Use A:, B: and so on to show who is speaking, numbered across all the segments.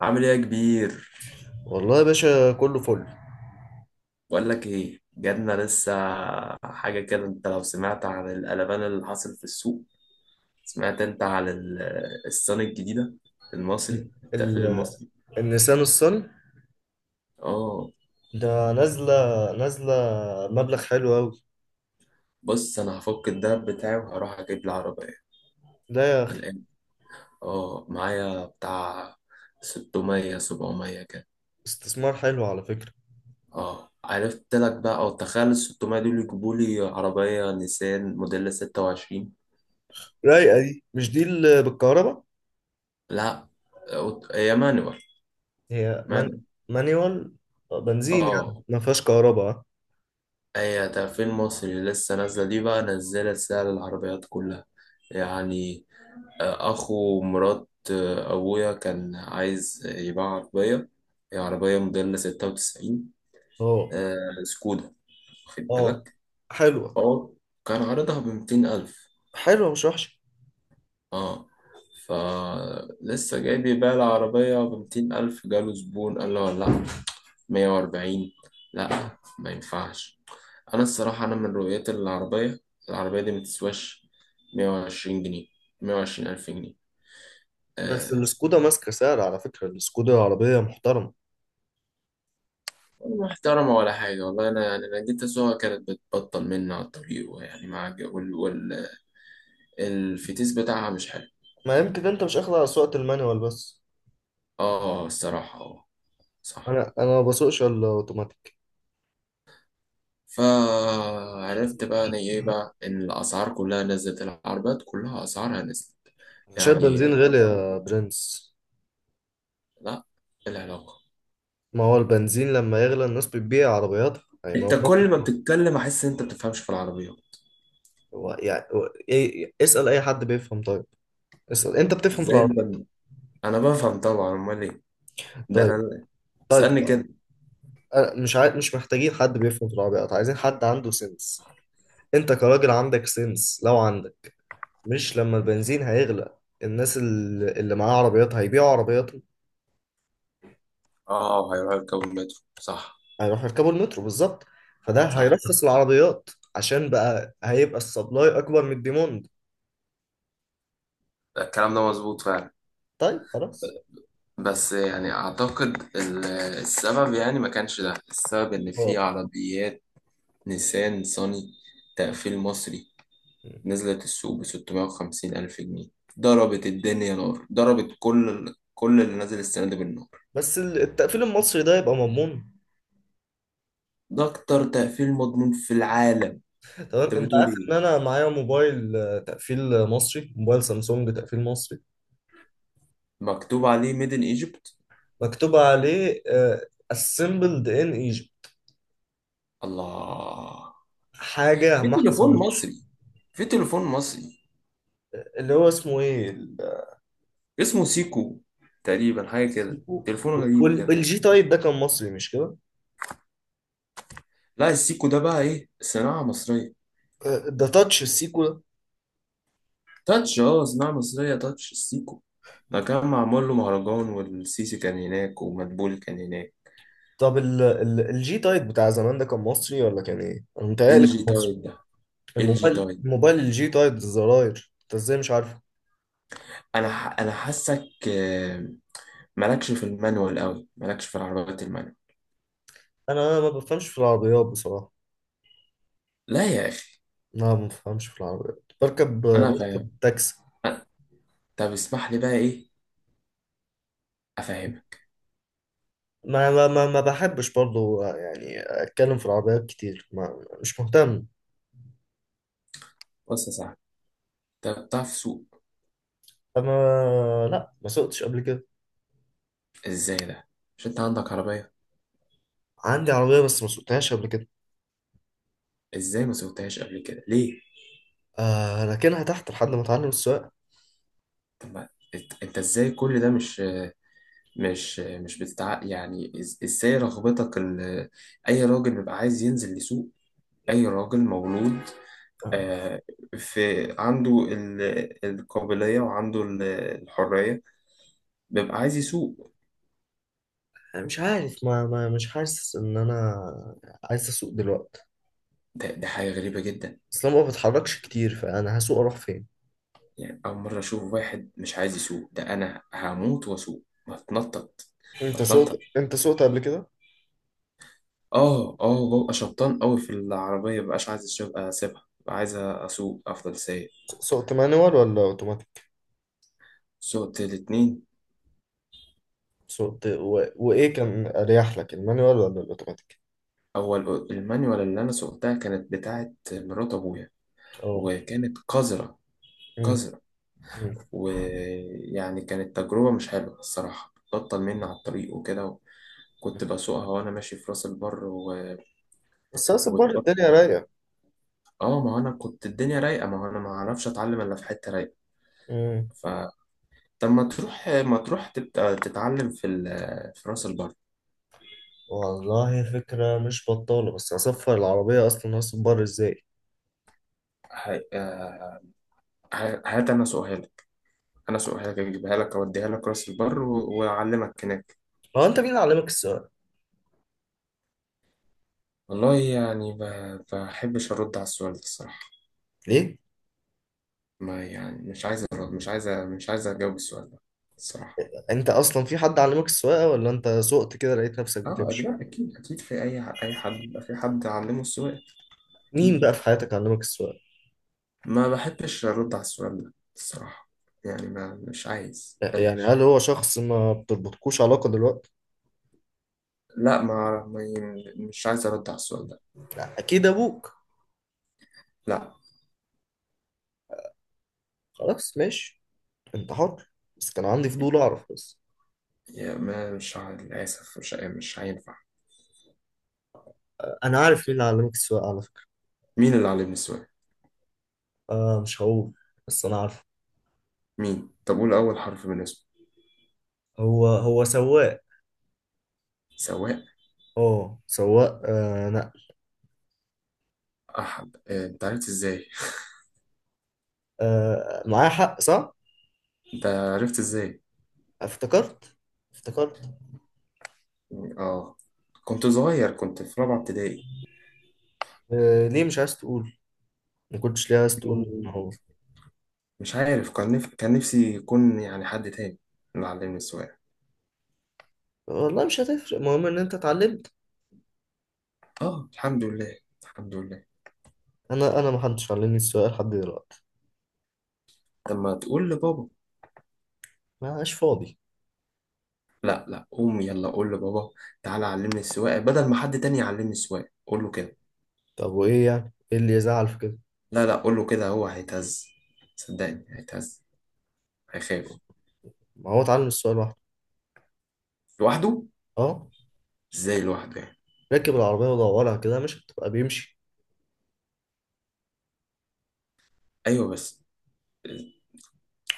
A: عامل ايه يا كبير؟
B: والله يا باشا كله فل.
A: بقول لك ايه، جاتنا لسه حاجه كده. انت لو سمعت عن القلبان اللي حصل في السوق. سمعت انت عن الصن الجديده
B: ال-
A: المصري، التقفيل
B: ال-
A: المصري.
B: النيسان الصني
A: اه،
B: ده نازلة، نازلة مبلغ حلو أوي.
A: بص انا هفك الدهب بتاعي وهروح اجيب لي عربيه
B: لا يا
A: من
B: أخي،
A: الان. اه معايا بتاع 600 700 كده.
B: استثمار حلو على فكرة.
A: اه، عرفت لك بقى، او تخيل ال 600 دول يجيبوا لي عربيه نيسان موديل 26.
B: رايقة دي، مش دي اللي بالكهرباء؟
A: لا هي مانوال،
B: هي من...
A: مانوال.
B: مانيوال. بنزين
A: اه
B: يعني ما فيهاش كهرباء.
A: هي ده فيلم مصري، لسه نازلة دي بقى، نزلت سعر العربيات كلها يعني. أخو مرات، أبويا كان عايز يباع عربية، هي عربية موديل ستة وتسعين.
B: اه
A: آه، سكودا، واخد
B: اه،
A: بالك.
B: حلوة.
A: هو كان عرضها بميتين ألف.
B: مش وحشة.
A: اه، فلسه جاي بيبيع العربية بميتين ألف، جاله زبون قال له لا، مية وأربعين. لا ما ينفعش، انا الصراحه من رؤيتي العربيه، العربيه دي متسواش 120 جنيه، 120 الف جنيه.
B: بس
A: أه.
B: السكودا ماسكة سعر على فكرة، السكودا عربية محترمة.
A: محترمه ولا حاجه، والله انا يعني انا جيت اسوقها كانت بتبطل مني على الطريق، ويعني مع الج- وال وال الفتيس بتاعها مش حلو.
B: ما يمكن انت مش اخد على سواقة المانيوال بس.
A: اه الصراحه، اه، صح.
B: انا ما بسوقش الا اوتوماتيك.
A: فعرفت بقى انا ايه بقى، ان الاسعار كلها نزلت، العربيات كلها اسعارها نزلت
B: انا شايف
A: يعني.
B: بنزين غالي يا برنس.
A: لا، إيه العلاقه؟
B: ما هو البنزين لما يغلى الناس بتبيع عربياتها، يعني ما هو.
A: انت كل ما بتتكلم احس ان انت بتفهمش في العربيه.
B: هو يعني هو إيه، اسأل أي حد بيفهم. طيب اسأل، أنت بتفهم في
A: ازاي انت؟
B: العربيات؟
A: انا بفهم طبعا، امال ايه، ده
B: طيب.
A: انا تسالني
B: طيب.
A: كده!
B: أنا مش عاي... مش محتاجين حد بيفهم في العربيات، عايزين حد عنده سنس. أنت كراجل عندك سنس، لو عندك. مش لما البنزين هيغلى، الناس اللي معاها عربيات هيبيعوا عربياتهم.
A: اه هيروح يركب المترو، صح،
B: هيروحوا يركبوا المترو بالظبط. فده
A: صح،
B: هيرخص العربيات. عشان بقى هيبقى السبلاي أكبر من الديموند.
A: الكلام ده مظبوط فعلا.
B: طيب خلاص.
A: بس يعني اعتقد السبب يعني، ما كانش ده السبب ان في
B: هو
A: عربيات نيسان صني، تقفيل مصري، نزلت السوق ب 650 الف جنيه، ضربت الدنيا نار، ضربت كل اللي نزل السنه دي بالنار.
B: بس التقفيل المصري ده يبقى مضمون.
A: ده اكتر تقفيل مضمون في العالم.
B: تمام،
A: انت
B: انت
A: بتقول
B: عارف ان
A: ايه؟
B: انا معايا موبايل، تقفيل مصري، موبايل سامسونج تقفيل مصري.
A: مكتوب عليه ميدن ايجيبت.
B: مكتوب عليه assembled in Egypt.
A: الله!
B: حاجة
A: في
B: ما
A: تليفون
B: حصلتش.
A: مصري، في تليفون مصري
B: اللي هو اسمه ايه ال-
A: اسمه سيكو. تقريبا حاجة كده،
B: السيكو.
A: تليفون غريب كده.
B: والجي تايب ده كان مصري، مش كده؟
A: لا السيكو ده بقى ايه، صناعة مصرية.
B: ده تاتش السيكو ده.
A: تاتش اه، صناعة مصرية، تاتش السيكو ده، كان معمول له مهرجان والسيسي كان هناك ومدبولي كان هناك.
B: طب الجي تايب بتاع زمان ده كان مصري ولا كان ايه؟ انا
A: ال
B: متهيألي كان
A: جي
B: مصري.
A: تايب ده، ال جي
B: الموبايل
A: تايب.
B: الموبايل الجي تايب الزراير، انت ازاي مش عارفه؟
A: انا حاسك مالكش في المانوال قوي، مالكش في العربيات المانوال.
B: انا ما بفهمش في العربيات بصراحة.
A: لا يا اخي،
B: لا ما بفهمش في العربيات، بركب
A: انا فاهم.
B: تاكسي.
A: أنا- طب اسمح لي بقى ايه، افهمك.
B: ما بحبش برضو يعني اتكلم في العربيات كتير، ما مش مهتم.
A: بص يا صاحبي، انت بتعرف تسوق؟
B: انا؟ لا ما سوقتش قبل كده.
A: ازاي ده؟ مش انت عندك عربية؟
B: عندي عربية بس ما سوقتهاش قبل كده.
A: ازاي ما سويتهاش قبل كده، ليه؟
B: آه لكنها تحت لحد ما اتعلم السواقة.
A: طب ما، انت ازاي كل ده؟ مش بتتع يعني، ازاي رغبتك اي راجل بيبقى عايز ينزل يسوق، اي راجل مولود
B: آه،
A: آه، في عنده القابلية، وعنده الحرية، بيبقى عايز يسوق.
B: أنا مش عارف، ما مش حاسس ان انا عايز اسوق دلوقتي.
A: ده حاجة غريبة جدا
B: بس انا ما بتحركش كتير، فانا هسوق اروح فين؟
A: يعني، أول مرة أشوف واحد مش عايز يسوق. ده أنا هموت وأسوق. بتنطط،
B: انت سوقت،
A: بتنطط.
B: قبل كده؟
A: اه اه، ببقى شبطان قوي في العربية، مبقاش عايز اسيبها، ببقى عايز اسوق، افضل سايق.
B: سوقت مانوال ولا اوتوماتيك؟
A: سوقت الاتنين.
B: وايه كان اريح لك، المانوال ولا الاوتوماتيك؟
A: اول المانيوال اللي انا سوقتها كانت بتاعة مرات ابويا،
B: اه.
A: وكانت قذرة،
B: مم.
A: قذرة.
B: مم.
A: ويعني كانت تجربة مش حلوة الصراحة، بطل مني على الطريق وكده. كنت بسوقها وانا ماشي في راس البر
B: بس هصبر، الدنيا
A: واتبطل.
B: رايقة.
A: اه ما هو انا كنت الدنيا رايقة، ما هو انا ما اعرفش اتعلم الا في حتة رايقة.
B: مم.
A: ف طب ما تروح تبقى تتعلم في في راس البر.
B: والله فكرة مش بطالة، بس هصفر العربية أصلا، هصبر إزاي؟
A: ه- آه، هات انا سؤالك، انا سؤالك اجيبها لك، اوديها لك راس البر واعلمك هناك.
B: هو أنت مين اللي علمك السواقة؟
A: والله يعني، بحبش ارد على السؤال ده الصراحه.
B: ليه؟
A: ما يعني مش عايز أرد، مش عايز اجاوب السؤال ده الصراحه.
B: أنت أصلا في حد علمك السواقة، ولا أنت سوقت كده لقيت نفسك
A: اه أكيد
B: بتمشي؟
A: أكيد أكيد، في أي حد بيبقى في حد علمه السؤال.
B: مين
A: أكيد.
B: بقى في حياتك علمك السواقة؟
A: ما بحبش أرد على السؤال ده الصراحة. يعني ما مش عايز،
B: يعني
A: بلاش.
B: هل هو شخص ما بتربطكوش علاقة دلوقتي؟
A: لا مش عايز أرد على السؤال ده.
B: أكيد أبوك.
A: لا.
B: خلاص ماشي، أنت حر، بس كان عندي فضول أعرف بس.
A: يا ما مش عا- للأسف مش هينفع.
B: أنا عارف مين اللي علمك السواقة على فكرة.
A: مين اللي علمني السواقة؟
B: آه مش هقول، بس أنا عارف.
A: مين؟ طب قول أول حرف من اسمه.
B: هو هو سواق.
A: سواق
B: اه سواق، نقل.
A: أحمد. أنت عرفت إزاي؟
B: آه معايا حق، صح؟
A: أنت عرفت إزاي؟
B: افتكرت. افتكرت.
A: آه. كنت صغير، كنت في رابعة ابتدائي.
B: آه ليه مش عايز تقول؟ ما كنتش ليه عايز تقول ان هو.
A: مش عارف، كان نفسي يكون يعني حد تاني اللي علمني السواقة.
B: والله مش هتفرق، المهم ان انت اتعلمت.
A: آه الحمد لله، الحمد لله.
B: انا ما حدش علمني السواقه لحد دلوقتي.
A: لما تقول لبابا،
B: ما عاش فاضي.
A: لا لا، قوم يلا قول لبابا تعالى علمني السواقة بدل ما حد تاني يعلمني السواقة، قول له كده،
B: طب وايه يعني؟ ايه اللي يزعل في كده؟
A: لا لا قول له كده، هو هيتهز، صدقني هيتهز، هيخاف.
B: ما هو اتعلم السواقه لوحده.
A: لوحده؟
B: اه.
A: إزاي لوحده يعني؟
B: ركب العربيه ودورها كده، مش هتبقى بيمشي؟
A: ايوه بس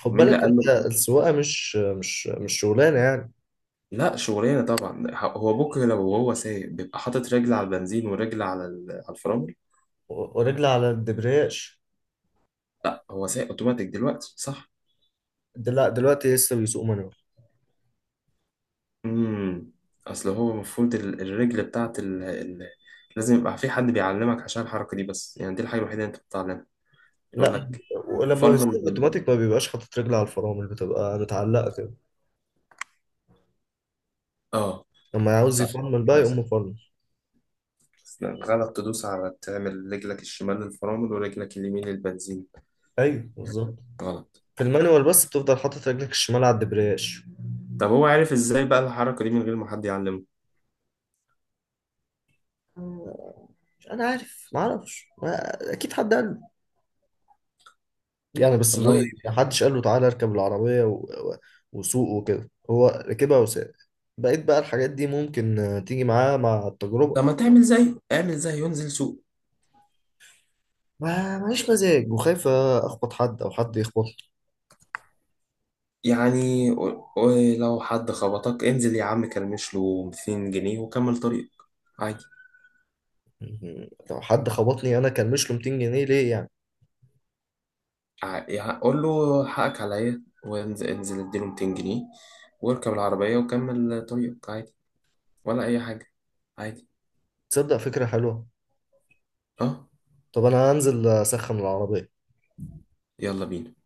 B: خد
A: مين اللي
B: بالك،
A: قال
B: انت
A: له؟
B: السواقه مش شغلانه يعني.
A: لا شغلانه طبعا. هو بكره لو هو سايق، بيبقى حاطط رجل على البنزين ورجل على على الفرامل.
B: ورجل على الدبرياج.
A: لا هو سايق اوتوماتيك دلوقتي، صح.
B: دلوقتي لسه بيسوق مانوال.
A: امم. اصل هو المفروض الرجل بتاعت لازم يبقى في حد بيعلمك عشان الحركه دي بس يعني، دي الحاجه الوحيده اللي انت بتتعلمها، يقول
B: لا.
A: لك
B: ولما
A: فرمل
B: بيصير اوتوماتيك ما بيبقاش حاطط رجل على الفرامل، بتبقى متعلقه كده.
A: اه،
B: لما يعوز
A: صح،
B: يفرمل بقى، يقوم
A: للاسف.
B: مفرمل.
A: غلط، تدوس على، تعمل رجلك الشمال للفرامل ورجلك اليمين للبنزين
B: ايوه
A: يعني،
B: بالظبط.
A: غلط.
B: في المانيوال بس بتفضل حاطط رجلك الشمال على الدبرياج.
A: طب هو عارف ازاي بقى الحركه دي من غير ما حد يعلمه؟
B: آه، انا عارف، ما اعرفش، اكيد حد قال له. يعني بس اللي هو إيه،
A: والله
B: ما
A: يعني
B: حدش قال له تعالى اركب العربيه وسوق وكده، هو ركبها وساق. بقيت بقى الحاجات دي ممكن تيجي معاه مع التجربه.
A: لما تعمل زي، اعمل زي، ينزل سوق
B: ما ماليش مزاج، وخايف اخبط حد او حد يخبط.
A: يعني. ولو حد خبطك، انزل يا عم كلمش له 200 جنيه وكمل طريقك عادي.
B: مهم. لو حد خبطني انا، كان مش له 200 جنيه ليه يعني؟
A: يعني قول له حقك عليا، وانزل، انزل اديله 200 جنيه واركب العربية وكمل طريقك عادي، ولا أي حاجة، عادي.
B: تصدق فكرة حلوة.
A: اه
B: طب انا هنزل اسخن العربية.
A: يلا بينا.